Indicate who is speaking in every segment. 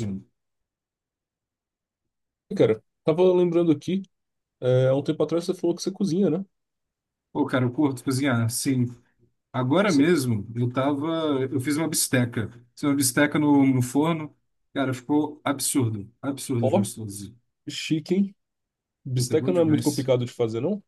Speaker 1: Mesmo.
Speaker 2: E, cara, tava lembrando aqui, há um tempo atrás você falou que você cozinha, né?
Speaker 1: Pô, cara, eu curto cozinhar. Sim, agora
Speaker 2: Você...
Speaker 1: mesmo eu tava. Eu fiz uma bisteca. Fiz uma bisteca no forno. Cara, ficou absurdo. Absurdo de
Speaker 2: Ó,
Speaker 1: gostoso.
Speaker 2: chique, hein?
Speaker 1: Puta, é bom
Speaker 2: Bisteca não é muito
Speaker 1: demais.
Speaker 2: complicado de fazer, não?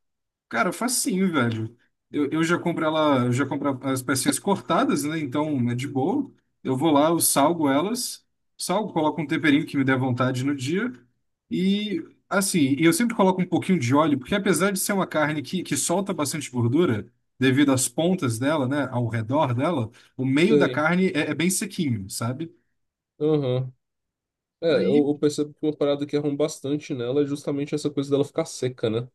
Speaker 1: Cara, facinho, velho. Eu já compro ela, eu já compro as pecinhas cortadas, né? Então é de boa. Eu vou lá, eu salgo elas, salgo, coloco um temperinho que me der vontade no dia. E assim, e eu sempre coloco um pouquinho de óleo, porque apesar de ser uma carne que solta bastante gordura, devido às pontas dela, né? Ao redor dela, o meio da
Speaker 2: Sei.
Speaker 1: carne é bem sequinho, sabe?
Speaker 2: Aham. É, eu,
Speaker 1: Aí
Speaker 2: eu percebo que uma parada que arruma bastante nela é justamente essa coisa dela ficar seca, né?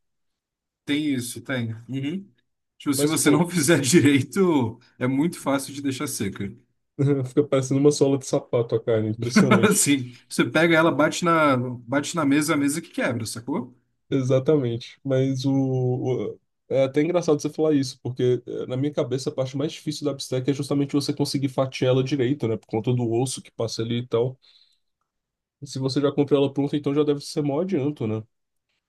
Speaker 1: tem isso, tem. Uhum. Tipo, se
Speaker 2: Mas,
Speaker 1: você não
Speaker 2: pô,
Speaker 1: fizer direito, é muito fácil de deixar seca.
Speaker 2: fica parecendo uma sola de sapato a carne, impressionante.
Speaker 1: Assim, você pega ela, bate na mesa, a mesa que quebra, sacou?
Speaker 2: Exatamente. O- É até engraçado você falar isso, porque na minha cabeça a parte mais difícil da bisteca é justamente você conseguir fatiar ela direito, né? Por conta do osso que passa ali e tal. Se você já comprou ela pronta, então já deve ser maior adianto, né?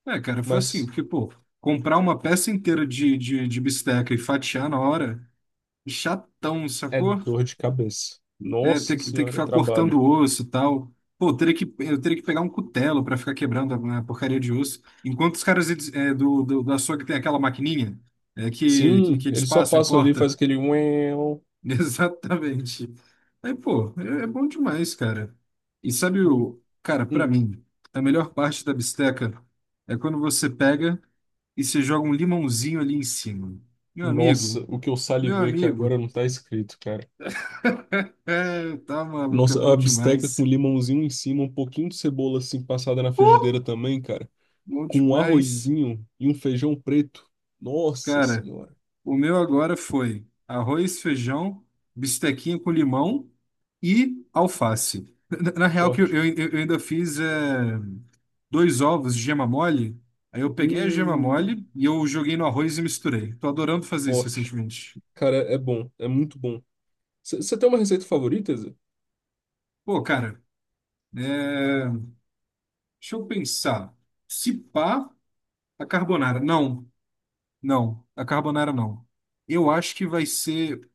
Speaker 1: É, cara, foi assim,
Speaker 2: Mas
Speaker 1: porque, pô, comprar uma peça inteira de bisteca e fatiar na hora, chatão,
Speaker 2: é
Speaker 1: sacou?
Speaker 2: dor de cabeça.
Speaker 1: É, ter
Speaker 2: Nossa
Speaker 1: que, ter que
Speaker 2: senhora, é
Speaker 1: ficar cortando
Speaker 2: trabalho.
Speaker 1: o osso e tal. Pô, eu teria que pegar um cutelo pra ficar quebrando a, né, a porcaria de osso. Enquanto os caras eles, do açougue tem aquela maquininha que, que,
Speaker 2: Sim,
Speaker 1: que eles
Speaker 2: eles só
Speaker 1: passam e
Speaker 2: passam ali e faz
Speaker 1: corta.
Speaker 2: aquele uéu.
Speaker 1: Exatamente. Aí, pô, é bom demais, cara. E sabe
Speaker 2: e,
Speaker 1: o, cara, pra
Speaker 2: hum,
Speaker 1: mim, a melhor parte da bisteca é quando você pega e você joga um limãozinho ali em cima. Meu
Speaker 2: Nossa,
Speaker 1: amigo,
Speaker 2: o que eu
Speaker 1: meu
Speaker 2: salivei aqui agora
Speaker 1: amigo.
Speaker 2: não tá escrito, cara.
Speaker 1: É, tá maluco, é
Speaker 2: Nossa,
Speaker 1: bom
Speaker 2: a bisteca com
Speaker 1: demais.
Speaker 2: limãozinho em cima, um pouquinho de cebola assim passada na
Speaker 1: Uh,
Speaker 2: frigideira também, cara.
Speaker 1: Bom
Speaker 2: Com um
Speaker 1: demais.
Speaker 2: arrozinho e um feijão preto. Nossa
Speaker 1: Cara,
Speaker 2: senhora,
Speaker 1: o meu agora foi arroz, feijão, bistequinha com limão e alface. Na real, que eu,
Speaker 2: forte.
Speaker 1: eu ainda fiz. Dois ovos de gema mole. Aí eu peguei a gema
Speaker 2: Hum,
Speaker 1: mole e eu joguei no arroz e misturei. Tô adorando fazer isso
Speaker 2: Forte.
Speaker 1: recentemente.
Speaker 2: Cara, é bom, é muito bom. Você tem uma receita favorita, Zé?
Speaker 1: Pô, cara, é, deixa eu pensar. Se pá, a carbonara. Não, não, a carbonara não. Eu acho que vai ser.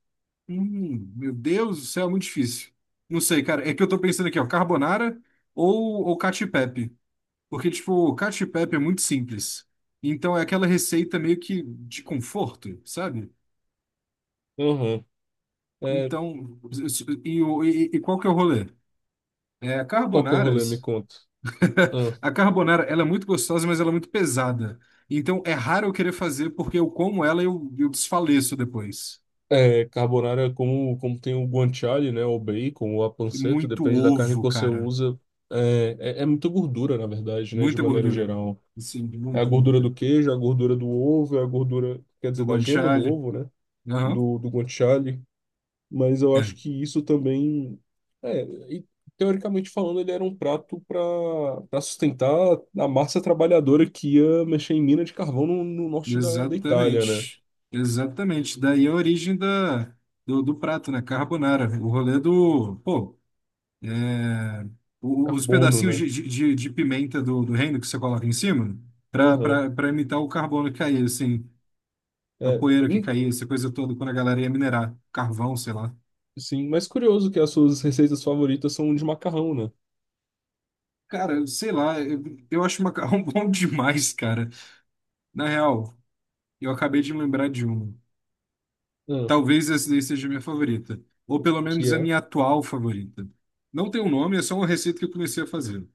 Speaker 1: Meu Deus do céu, é muito difícil. Não sei, cara. É que eu tô pensando aqui, ó, carbonara ou cacio e pepe. Porque, tipo, o cacio e pepe é muito simples. Então é aquela receita meio que de conforto, sabe?
Speaker 2: Aham. É,
Speaker 1: Então, e qual que é o rolê? É,
Speaker 2: qual que é o rolê? Me conta. Ah,
Speaker 1: a carbonara, ela é muito gostosa, mas ela é muito pesada. Então, é raro eu querer fazer porque eu como ela e eu desfaleço depois.
Speaker 2: é, carbonara, é como, como tem o guanciale, né? O bacon, o a
Speaker 1: E
Speaker 2: panceta,
Speaker 1: muito
Speaker 2: depende da carne que
Speaker 1: ovo,
Speaker 2: você
Speaker 1: cara.
Speaker 2: usa. É muita gordura, na verdade, né? De
Speaker 1: Muita
Speaker 2: maneira
Speaker 1: gordura.
Speaker 2: geral.
Speaker 1: Sim,
Speaker 2: É a
Speaker 1: muita,
Speaker 2: gordura
Speaker 1: muita.
Speaker 2: do queijo, é a gordura do ovo, é a gordura, quer
Speaker 1: Do
Speaker 2: dizer, da gema do
Speaker 1: guanciale.
Speaker 2: ovo, né?
Speaker 1: Aham.
Speaker 2: Do guanciale. Mas eu acho
Speaker 1: É.
Speaker 2: que isso também. É, e, Teoricamente falando, ele era um prato para para sustentar a massa trabalhadora que ia mexer em mina de carvão no norte da Itália, né?
Speaker 1: Exatamente. Exatamente. Daí é a origem do prato, né? Carbonara. O rolê do... Pô, É, os
Speaker 2: Carbono,
Speaker 1: pedacinhos
Speaker 2: né?
Speaker 1: de, de pimenta do reino que você coloca em cima,
Speaker 2: Aham.
Speaker 1: para imitar o carbono que caía, assim, a
Speaker 2: É,
Speaker 1: poeira que
Speaker 2: hum,
Speaker 1: caía, essa coisa toda, quando a galera ia minerar carvão, sei lá.
Speaker 2: sim, mas curioso que as suas receitas favoritas são de macarrão, né?
Speaker 1: Cara, sei lá, eu acho macarrão bom demais, cara. Na real, eu acabei de lembrar de uma.
Speaker 2: Ah,
Speaker 1: Talvez essa daí seja a minha favorita, ou pelo menos
Speaker 2: que
Speaker 1: a
Speaker 2: é?
Speaker 1: minha atual favorita. Não tem um nome, é só uma receita que eu comecei a fazer.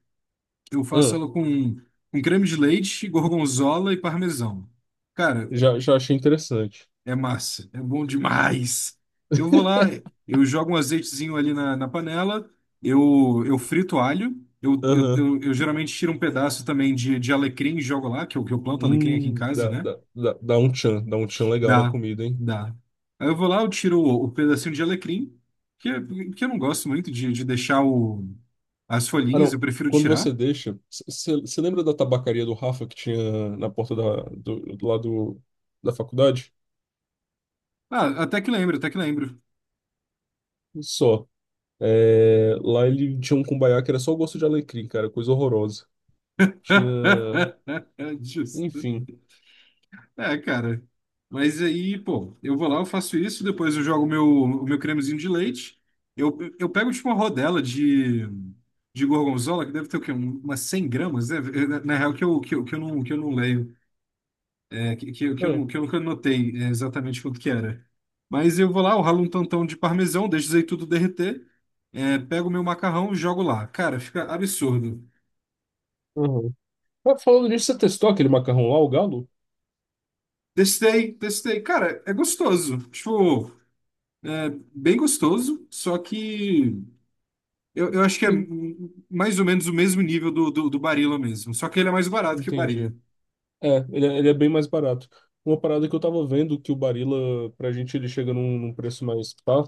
Speaker 1: Eu faço
Speaker 2: Ah,
Speaker 1: ela com creme de leite, gorgonzola e parmesão. Cara,
Speaker 2: já, já achei interessante.
Speaker 1: é massa, é bom demais. Eu vou lá, eu jogo um azeitezinho ali na panela, eu frito alho, eu, eu,
Speaker 2: Aham.
Speaker 1: eu, eu geralmente tiro um pedaço também de alecrim e jogo lá, que eu planto alecrim aqui em casa,
Speaker 2: Dá,
Speaker 1: né?
Speaker 2: dá, dá, dá um tchan legal na
Speaker 1: Dá,
Speaker 2: comida, hein?
Speaker 1: dá. Aí eu vou lá, eu tiro o pedacinho de alecrim, que, é, que eu não gosto muito de deixar as
Speaker 2: Ah,
Speaker 1: folhinhas, eu
Speaker 2: não.
Speaker 1: prefiro
Speaker 2: Quando você
Speaker 1: tirar.
Speaker 2: deixa, você lembra da tabacaria do Rafa que tinha na porta do lado da faculdade?
Speaker 1: Ah, até que lembro, até que lembro.
Speaker 2: Só. É, lá ele tinha um cumbaiá que era só o gosto de alecrim, cara, coisa horrorosa. Tinha,
Speaker 1: Justo.
Speaker 2: enfim.
Speaker 1: É, cara. Mas aí, pô, eu vou lá, eu faço isso, depois eu jogo o meu cremezinho de leite. Eu pego tipo uma rodela de gorgonzola, que deve ter o quê? Umas 100 gramas, né? Na real, que eu, que eu, que eu não leio, é, que eu
Speaker 2: Ah,
Speaker 1: não, que eu nunca anotei exatamente quanto que era. Mas eu vou lá, eu ralo um tantão de parmesão, deixo isso aí tudo derreter, pego o meu macarrão e jogo lá. Cara, fica absurdo.
Speaker 2: aham. Mas falando nisso, você testou aquele macarrão lá, o galo?
Speaker 1: Testei, testei. Cara, é gostoso. Tipo, é bem gostoso, só que. Eu acho que é
Speaker 2: Sim,
Speaker 1: mais ou menos o mesmo nível do Barilla mesmo. Só que ele é mais barato que o
Speaker 2: entendi.
Speaker 1: Barilla.
Speaker 2: Ele é bem mais barato. Uma parada que eu tava vendo que o Barilla, pra gente, ele chega num preço mais tá?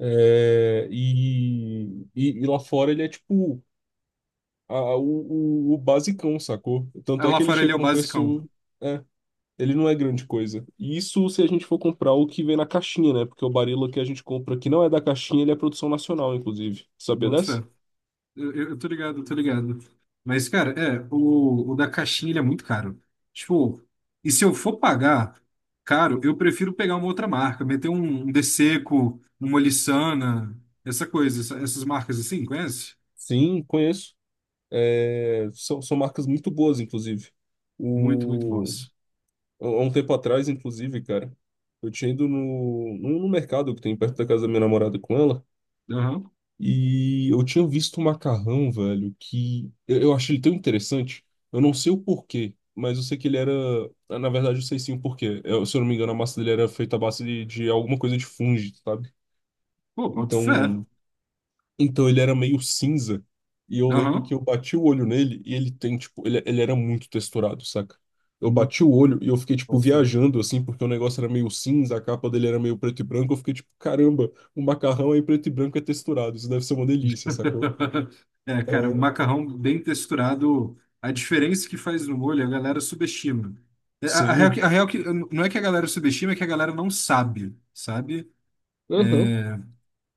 Speaker 2: E lá fora ele é tipo o basicão, sacou?
Speaker 1: Aí
Speaker 2: Tanto é
Speaker 1: lá
Speaker 2: que ele
Speaker 1: fora ele é
Speaker 2: chega
Speaker 1: o
Speaker 2: num
Speaker 1: basicão.
Speaker 2: preço. É, ele não é grande coisa. E isso se a gente for comprar o que vem na caixinha, né? Porque o Barilla que a gente compra que não é da caixinha, ele é produção nacional, inclusive. Sabia
Speaker 1: Boto
Speaker 2: dessa?
Speaker 1: fé. Eu tô ligado, eu tô ligado. Mas, cara, o da caixinha ele é muito caro. Tipo, e se eu for pagar caro, eu prefiro pegar uma outra marca, meter um Deseco, uma Lissana, essa coisa, essas marcas assim, conhece?
Speaker 2: Sim, conheço. São marcas muito boas, inclusive.
Speaker 1: Muito, muito
Speaker 2: O,
Speaker 1: boas.
Speaker 2: Há um tempo atrás, inclusive, cara, eu tinha ido no mercado que tem perto da casa da minha namorada com ela,
Speaker 1: Aham.
Speaker 2: e eu tinha visto um macarrão, velho, que eu achei ele tão interessante. Eu não sei o porquê, mas eu sei que ele era. Na verdade, eu sei sim o porquê. Eu, se eu não me engano, a massa dele era feita à base de alguma coisa de fungo, sabe?
Speaker 1: Pô, boto fé.
Speaker 2: Então. Então ele era meio cinza. E eu lembro que
Speaker 1: Aham.
Speaker 2: eu bati o olho nele e ele tem, tipo, ele era muito texturado, saca? Eu
Speaker 1: Hum.
Speaker 2: bati o olho e eu fiquei, tipo,
Speaker 1: Boto fé.
Speaker 2: viajando, assim, porque o negócio era meio cinza, a capa dele era meio preto e branco. Eu fiquei, tipo, caramba, o macarrão aí preto e branco é texturado, isso deve ser uma delícia, sacou?
Speaker 1: É, cara, o
Speaker 2: É,
Speaker 1: macarrão bem texturado, a diferença que faz no molho, a galera subestima. É, A, a real, que-
Speaker 2: sim.
Speaker 1: a real que não é que a galera subestima, é que a galera não sabe, sabe?
Speaker 2: Aham.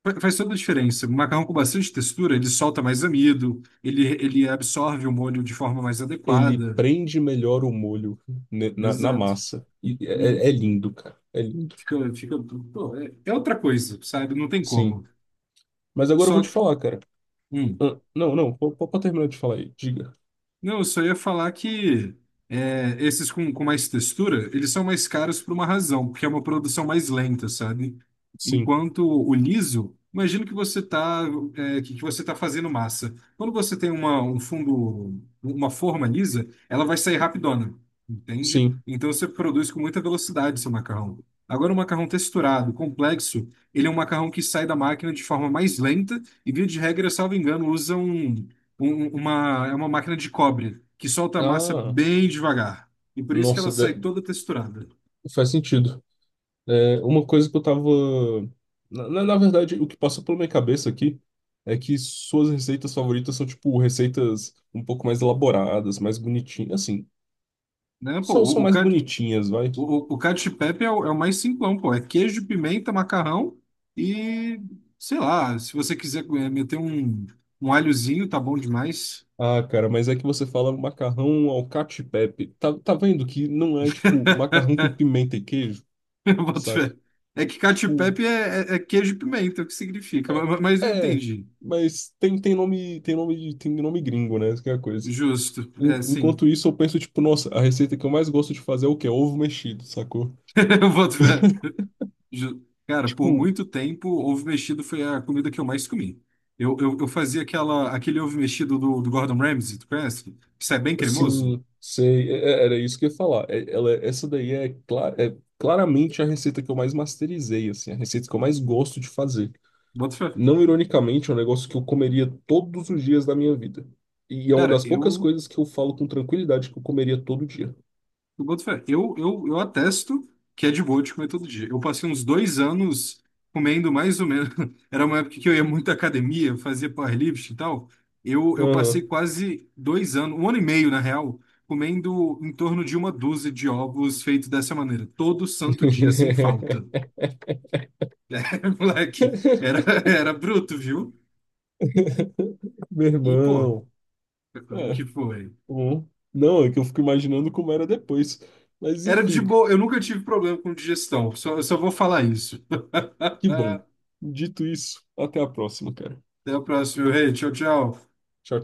Speaker 1: Faz toda a diferença. O macarrão com bastante textura, ele solta mais amido, ele absorve o molho de forma mais
Speaker 2: Ele
Speaker 1: adequada.
Speaker 2: prende melhor o molho na
Speaker 1: Exato.
Speaker 2: massa. E é, é
Speaker 1: Uhum.
Speaker 2: é lindo, cara. É lindo.
Speaker 1: Fica, pô, é outra coisa, sabe? Não tem
Speaker 2: Sim.
Speaker 1: como.
Speaker 2: Mas agora eu vou te
Speaker 1: Só.
Speaker 2: falar, cara.
Speaker 1: Hum.
Speaker 2: Ah, não, não, pode terminar de falar aí. Diga.
Speaker 1: Não, eu só ia falar que esses com mais textura, eles são mais caros por uma razão, porque é uma produção mais lenta, sabe?
Speaker 2: Sim,
Speaker 1: Enquanto o liso, imagino que você tá, é, que você tá fazendo massa. Quando você tem um fundo, uma forma lisa, ela vai sair rapidona, entende?
Speaker 2: sim.
Speaker 1: Então você produz com muita velocidade seu macarrão. Agora, o macarrão texturado, complexo, ele é um macarrão que sai da máquina de forma mais lenta e, via de regra, salvo engano, usam uma máquina de cobre que solta a massa
Speaker 2: Ah,
Speaker 1: bem devagar. E por isso que ela
Speaker 2: nossa,
Speaker 1: sai
Speaker 2: de-
Speaker 1: toda texturada.
Speaker 2: faz sentido. É, uma coisa que eu tava. Na verdade, o que passa pela minha cabeça aqui é que suas receitas favoritas são, tipo, receitas um pouco mais elaboradas, mais bonitinhas. Assim,
Speaker 1: Né? Pô, o,
Speaker 2: são
Speaker 1: o,
Speaker 2: mais
Speaker 1: cat-
Speaker 2: bonitinhas, vai.
Speaker 1: o, o o cacio e pepe é o mais simplão, pô. É queijo, pimenta, macarrão e, sei lá, se você quiser meter um alhozinho, tá bom demais.
Speaker 2: Ah, cara, mas é que você fala macarrão ao cacio e pepe. Tá vendo que não é, tipo, macarrão com pimenta e queijo,
Speaker 1: Eu boto
Speaker 2: saca?
Speaker 1: fé. É que cacio e
Speaker 2: Tipo,
Speaker 1: pepe é queijo e pimenta, o que significa? Mas, eu
Speaker 2: é,
Speaker 1: entendi.
Speaker 2: mas tem, tem nome, tem nome gringo, né? Essa que é a coisa.
Speaker 1: Justo. É, sim.
Speaker 2: Enquanto isso, eu penso, tipo, nossa, a receita que eu mais gosto de fazer é o quê? Ovo mexido, sacou?
Speaker 1: Eu boto fé. Cara, por
Speaker 2: Tipo,
Speaker 1: muito tempo, ovo mexido foi a comida que eu mais comi. Eu fazia aquele ovo mexido do Gordon Ramsay, tu conhece? Que sai bem cremoso.
Speaker 2: assim, sei, era isso que eu ia falar. Essa daí é, é claramente a receita que eu mais masterizei, assim, a receita que eu mais gosto de fazer.
Speaker 1: Bota fé.
Speaker 2: Não ironicamente, é um negócio que eu comeria todos os dias da minha vida. E é uma
Speaker 1: Cara,
Speaker 2: das poucas
Speaker 1: eu,
Speaker 2: coisas que eu falo com tranquilidade que eu comeria todo dia.
Speaker 1: eu boto fé. Eu atesto que é de boa de comer todo dia. Eu passei uns 2 anos comendo mais ou menos. Era uma época que eu ia muito à academia, fazia powerlifting e tal. Eu passei
Speaker 2: Aham.
Speaker 1: quase 2 anos, um ano e meio, na real, comendo em torno de uma dúzia de ovos feitos dessa maneira, todo santo dia, sem falta. Moleque, era, era bruto, viu?
Speaker 2: Meu
Speaker 1: E, pô,
Speaker 2: irmão.
Speaker 1: o
Speaker 2: É.
Speaker 1: que foi?
Speaker 2: Uhum. Não, é que eu fico imaginando como era depois. Mas
Speaker 1: Era de
Speaker 2: enfim,
Speaker 1: boa, eu nunca tive problema com digestão, só, eu só vou falar isso.
Speaker 2: que bom.
Speaker 1: Até
Speaker 2: Dito isso, até a próxima, cara.
Speaker 1: a próxima, meu rei. Tchau, tchau.
Speaker 2: Tchau.